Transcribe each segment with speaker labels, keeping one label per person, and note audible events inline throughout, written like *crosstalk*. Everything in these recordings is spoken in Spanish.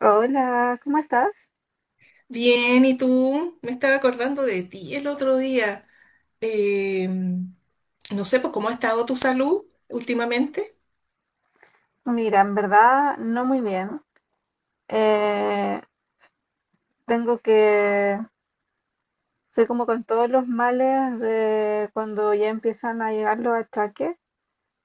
Speaker 1: Hola, ¿cómo estás?
Speaker 2: Bien, ¿y tú? Me estaba acordando de ti el otro día. No sé, pues, ¿cómo ha estado tu salud últimamente?
Speaker 1: Mira, en verdad no muy bien. Eh, tengo que, soy como con todos los males de cuando ya empiezan a llegar los ataques,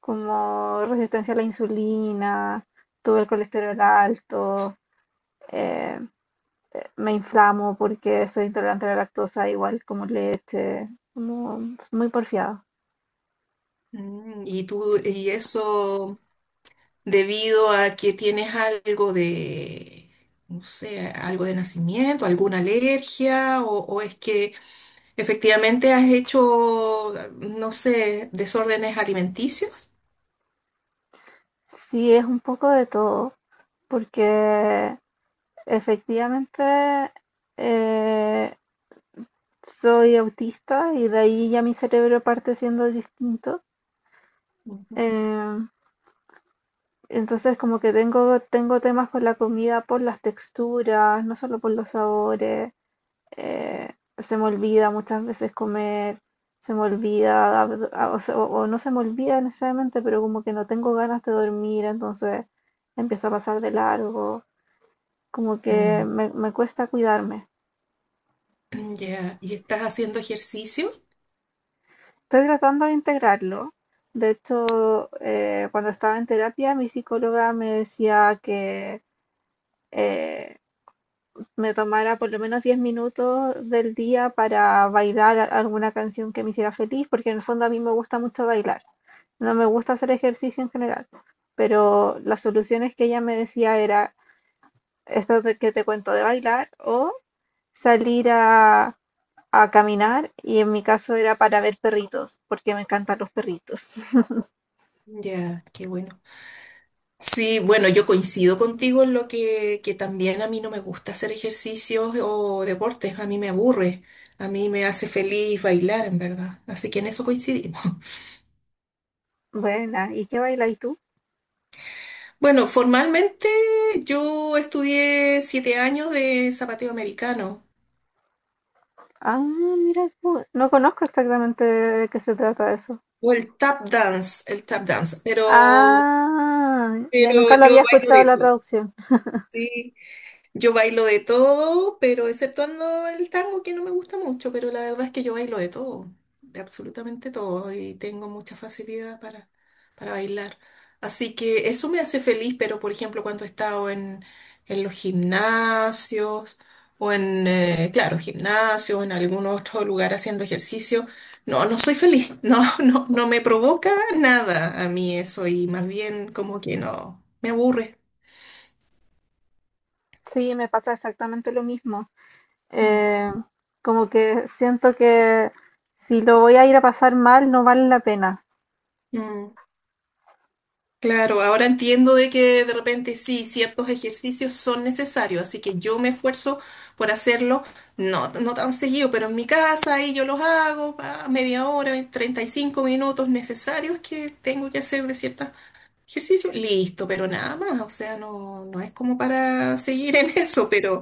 Speaker 1: como resistencia a la insulina, tuve el colesterol alto, eh, me inflamo porque soy intolerante a la lactosa, igual como leche, como muy porfiado.
Speaker 2: Mm. Y tú, y eso debido a que tienes algo de, no sé, algo de nacimiento, alguna alergia, o es que efectivamente has hecho, no sé, desórdenes alimenticios.
Speaker 1: Sí, es un poco de todo, porque efectivamente eh, soy autista y de ahí ya mi cerebro parte siendo distinto. Eh, entonces como que tengo temas por la comida, por las texturas, no solo por los sabores, eh, se me olvida muchas veces comer, se me olvida, o, o no se me olvida necesariamente, pero como que no tengo ganas de dormir, entonces empiezo a pasar de largo, como que
Speaker 2: Mm.
Speaker 1: me cuesta cuidarme.
Speaker 2: Ya, ¿y estás haciendo ejercicio?
Speaker 1: Estoy tratando de integrarlo. De hecho, cuando estaba en terapia, mi psicóloga me decía que eh, me tomara por lo menos 10 minutos del día para bailar alguna canción que me hiciera feliz, porque en el fondo a mí me gusta mucho bailar. No me gusta hacer ejercicio en general, pero las soluciones que ella me decía era esto de que te cuento de bailar o salir a caminar y en mi caso era para ver perritos, porque me encantan los perritos. *laughs*
Speaker 2: Ya, qué bueno. Sí, bueno, yo coincido contigo en lo que también a mí no me gusta hacer ejercicios o deportes, a mí me aburre, a mí me hace feliz bailar, en verdad. Así que en eso coincidimos. *laughs*
Speaker 1: Buena, ¿y qué bailas tú?
Speaker 2: Bueno, formalmente yo estudié 7 años de zapateo americano
Speaker 1: Ah, mira, tú. No conozco exactamente de qué se trata eso.
Speaker 2: o el tap dance,
Speaker 1: Ah, ya
Speaker 2: pero
Speaker 1: nunca lo
Speaker 2: yo
Speaker 1: había
Speaker 2: bailo
Speaker 1: escuchado
Speaker 2: de
Speaker 1: la
Speaker 2: todo.
Speaker 1: traducción.
Speaker 2: Sí. Yo bailo de todo, pero exceptuando el tango que no me gusta mucho, pero la verdad es que yo bailo de todo, de absolutamente todo, y tengo mucha facilidad para bailar. Así que eso me hace feliz, pero por ejemplo cuando he estado en los gimnasios o en, claro, gimnasio o en algún otro lugar haciendo ejercicio, no, no soy feliz, *laughs* no, no, no me provoca nada a mí eso y más bien como que no, me aburre.
Speaker 1: Sí, me pasa exactamente lo mismo.
Speaker 2: Mm.
Speaker 1: Eh, como que siento que si lo voy a ir a pasar mal, no vale la pena.
Speaker 2: Mm. Claro, ahora entiendo de que de repente sí, ciertos ejercicios son necesarios, así que yo me esfuerzo por hacerlo, no, no tan seguido, pero en mi casa ahí yo los hago, pa, media hora, 20, 35 minutos necesarios que tengo que hacer de ciertos ejercicios, listo, pero nada más, o sea, no, no es como para seguir en *laughs* eso, pero,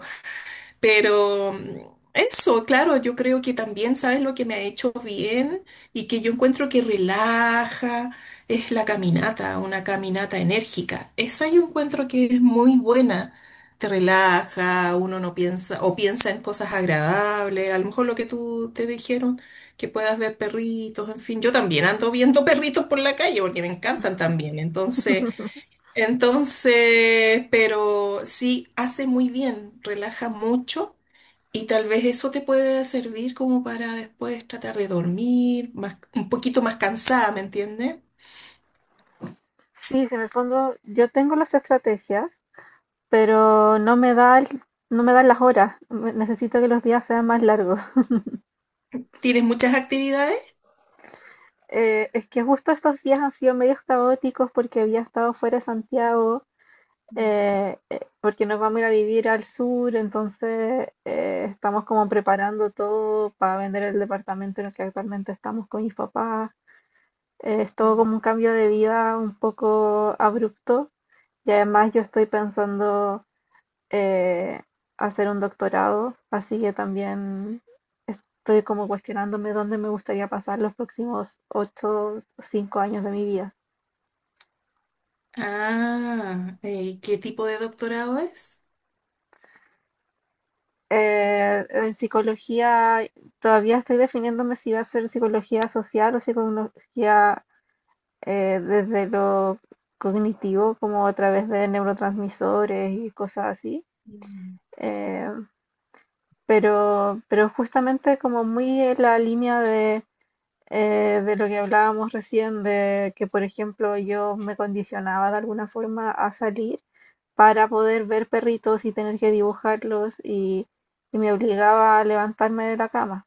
Speaker 2: pero mm, eso, claro, yo creo que también, ¿sabes lo que me ha hecho bien? Y que yo encuentro que relaja, es la caminata, una caminata enérgica. Esa yo encuentro que es muy buena. Te relaja, uno no piensa, o piensa en cosas agradables, a lo mejor lo que tú te dijeron, que puedas ver perritos, en fin, yo también ando viendo *laughs* perritos por la calle porque me encantan también, entonces, pero sí, hace muy bien, relaja mucho y tal vez eso te puede servir como para después tratar de dormir más, un poquito más cansada, ¿me entiendes?
Speaker 1: Sí, si en el fondo yo tengo las estrategias, pero no me dan las horas. Necesito que los días sean más largos. *laughs*
Speaker 2: ¿Tienes muchas actividades?
Speaker 1: Es que justo estos días han sido medios caóticos porque había estado fuera de Santiago, porque nos vamos a ir a vivir al sur, entonces estamos como preparando todo para vender el departamento en el que actualmente estamos con mis papás. Es todo
Speaker 2: Mm.
Speaker 1: como un cambio de vida un poco abrupto, y además yo estoy pensando eh, hacer un doctorado, así que también estoy como cuestionándome dónde me gustaría pasar los próximos 8 o 5 años de mi vida.
Speaker 2: Ah, ¿y qué tipo de doctorado es?
Speaker 1: En psicología todavía estoy definiéndome si va a ser psicología social o psicología, desde lo cognitivo, como a través de neurotransmisores y cosas así.
Speaker 2: Mm.
Speaker 1: Eh, pero justamente como muy en la línea de lo que hablábamos recién, de que por ejemplo yo me condicionaba de alguna forma a salir para poder ver perritos y tener que dibujarlos y me obligaba a levantarme de la cama.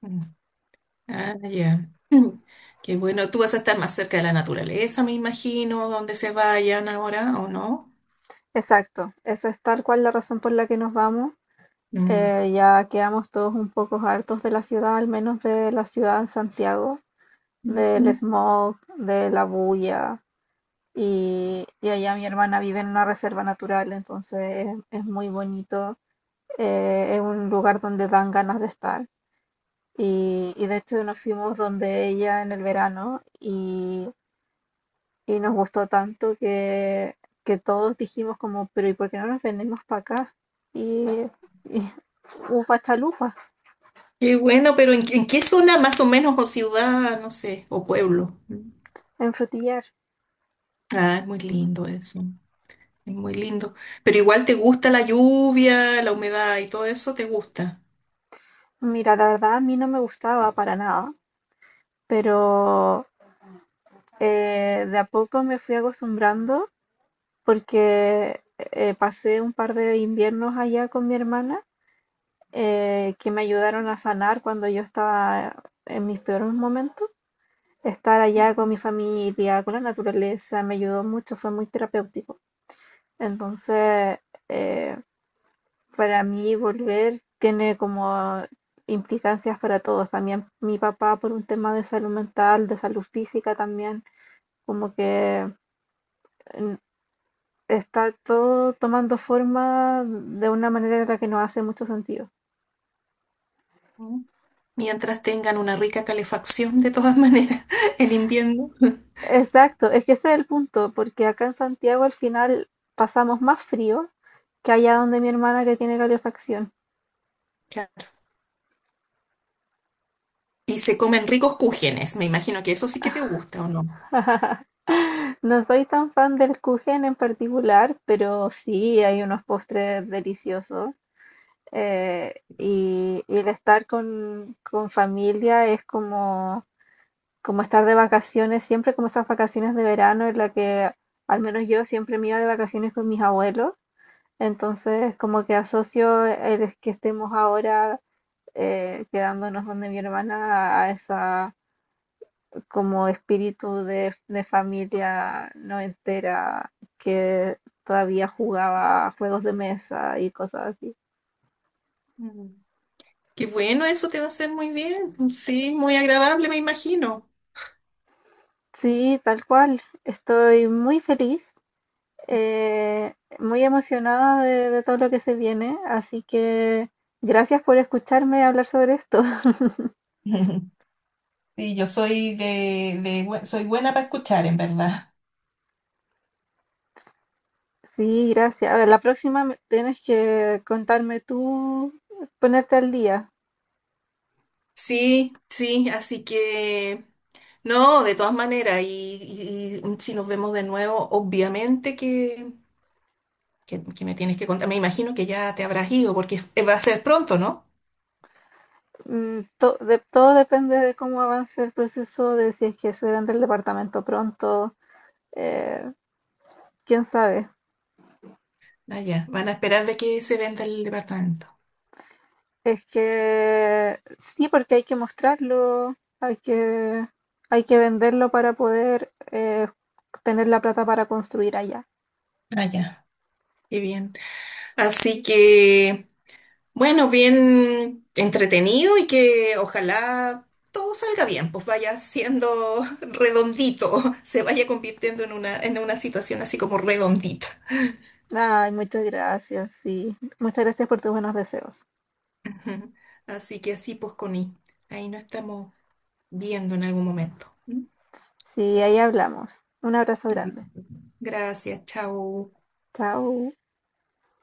Speaker 2: Mm. Ah, ya. Mm. Qué bueno. Tú vas a estar más cerca de la naturaleza, me imagino, donde se vayan ahora, ¿o no?
Speaker 1: Exacto, esa es tal cual la razón por la que nos vamos.
Speaker 2: Mm.
Speaker 1: Ya quedamos todos un poco hartos de la ciudad, al menos de la ciudad en Santiago, del
Speaker 2: Ujú.
Speaker 1: smog, de la bulla, y allá mi hermana vive en una reserva natural, entonces es muy bonito. Es un lugar donde dan ganas de estar. Y de hecho nos fuimos donde ella en el verano y nos gustó tanto que todos dijimos como, pero ¿y por qué no nos venimos para acá? Y, y upa chalupa
Speaker 2: Qué bueno, pero ¿en qué zona más o menos, o ciudad, no sé, o pueblo? Mm.
Speaker 1: en Frutillar.
Speaker 2: Ah, es muy lindo eso. Es muy lindo. Pero igual te gusta la lluvia, la humedad y todo eso, te gusta.
Speaker 1: Mira, la verdad a mí no me gustaba para nada, pero de a poco me fui acostumbrando porque pasé un par de inviernos allá con mi hermana, que me ayudaron a sanar cuando yo estaba en mis peores momentos. Estar allá con mi familia, con la naturaleza, me ayudó mucho, fue muy terapéutico. Entonces, eh, para mí volver tiene como implicancias para todos. También mi papá por un tema de salud mental, de salud física también, como que mm, está todo tomando forma de una manera en la que no hace mucho sentido.
Speaker 2: Ujú. Mientras tengan una rica calefacción, de todas maneras, *laughs* en invierno.
Speaker 1: Exacto, es que ese es el punto, porque acá en Santiago al final pasamos más frío que allá donde mi hermana que tiene calefacción.
Speaker 2: Claro. Y se comen ricos cúgenes. Me imagino que eso sí que te gusta, ¿o no?
Speaker 1: No soy tan fan del kuchen en particular, pero sí hay unos postres deliciosos. Y el estar con familia es como como estar de vacaciones, siempre como esas vacaciones de verano en la que al menos yo siempre me iba de vacaciones con mis abuelos, entonces como que asocio el que estemos ahora quedándonos donde mi hermana a esa como espíritu de familia no entera que todavía jugaba a juegos de mesa y cosas así.
Speaker 2: Mm. Qué bueno, eso te va a hacer muy bien. Sí, muy agradable, me imagino.
Speaker 1: Sí, tal cual. Estoy muy feliz, eh, muy emocionada de todo lo que se viene, así que gracias por escucharme hablar sobre esto. *laughs*
Speaker 2: *laughs* Y yo soy soy buena para escuchar, en verdad.
Speaker 1: Sí, gracias. A ver, la próxima tienes que contarme tú, ponerte al día.
Speaker 2: Sí, sí, así que no, de todas maneras, y si nos vemos de nuevo, obviamente que me tienes que contar, me imagino que ya te habrás ido, porque va a ser pronto, ¿no?
Speaker 1: Mm, todo depende de cómo avance el proceso, de si es que se vende el departamento pronto, eh, quién sabe.
Speaker 2: Ah, ya, van a esperar de que se venda el departamento.
Speaker 1: Es que sí, porque hay que mostrarlo, hay que, hay que venderlo para poder tener la plata para construir allá.
Speaker 2: Ah, ya. Qué bien. Así que... Bueno, bien entretenido y que ojalá todo salga bien, pues vaya siendo *laughs* redondito, se vaya convirtiendo en una, situación así como redondita.
Speaker 1: Ay, muchas gracias, sí. Muchas gracias por tus buenos deseos.
Speaker 2: Ujú. Así que así pues, Connie, ahí nos estamos viendo en algún momento. ¿Mm?
Speaker 1: Sí, ahí hablamos. Un abrazo grande.
Speaker 2: Listo. Gracias, chao.
Speaker 1: Chao.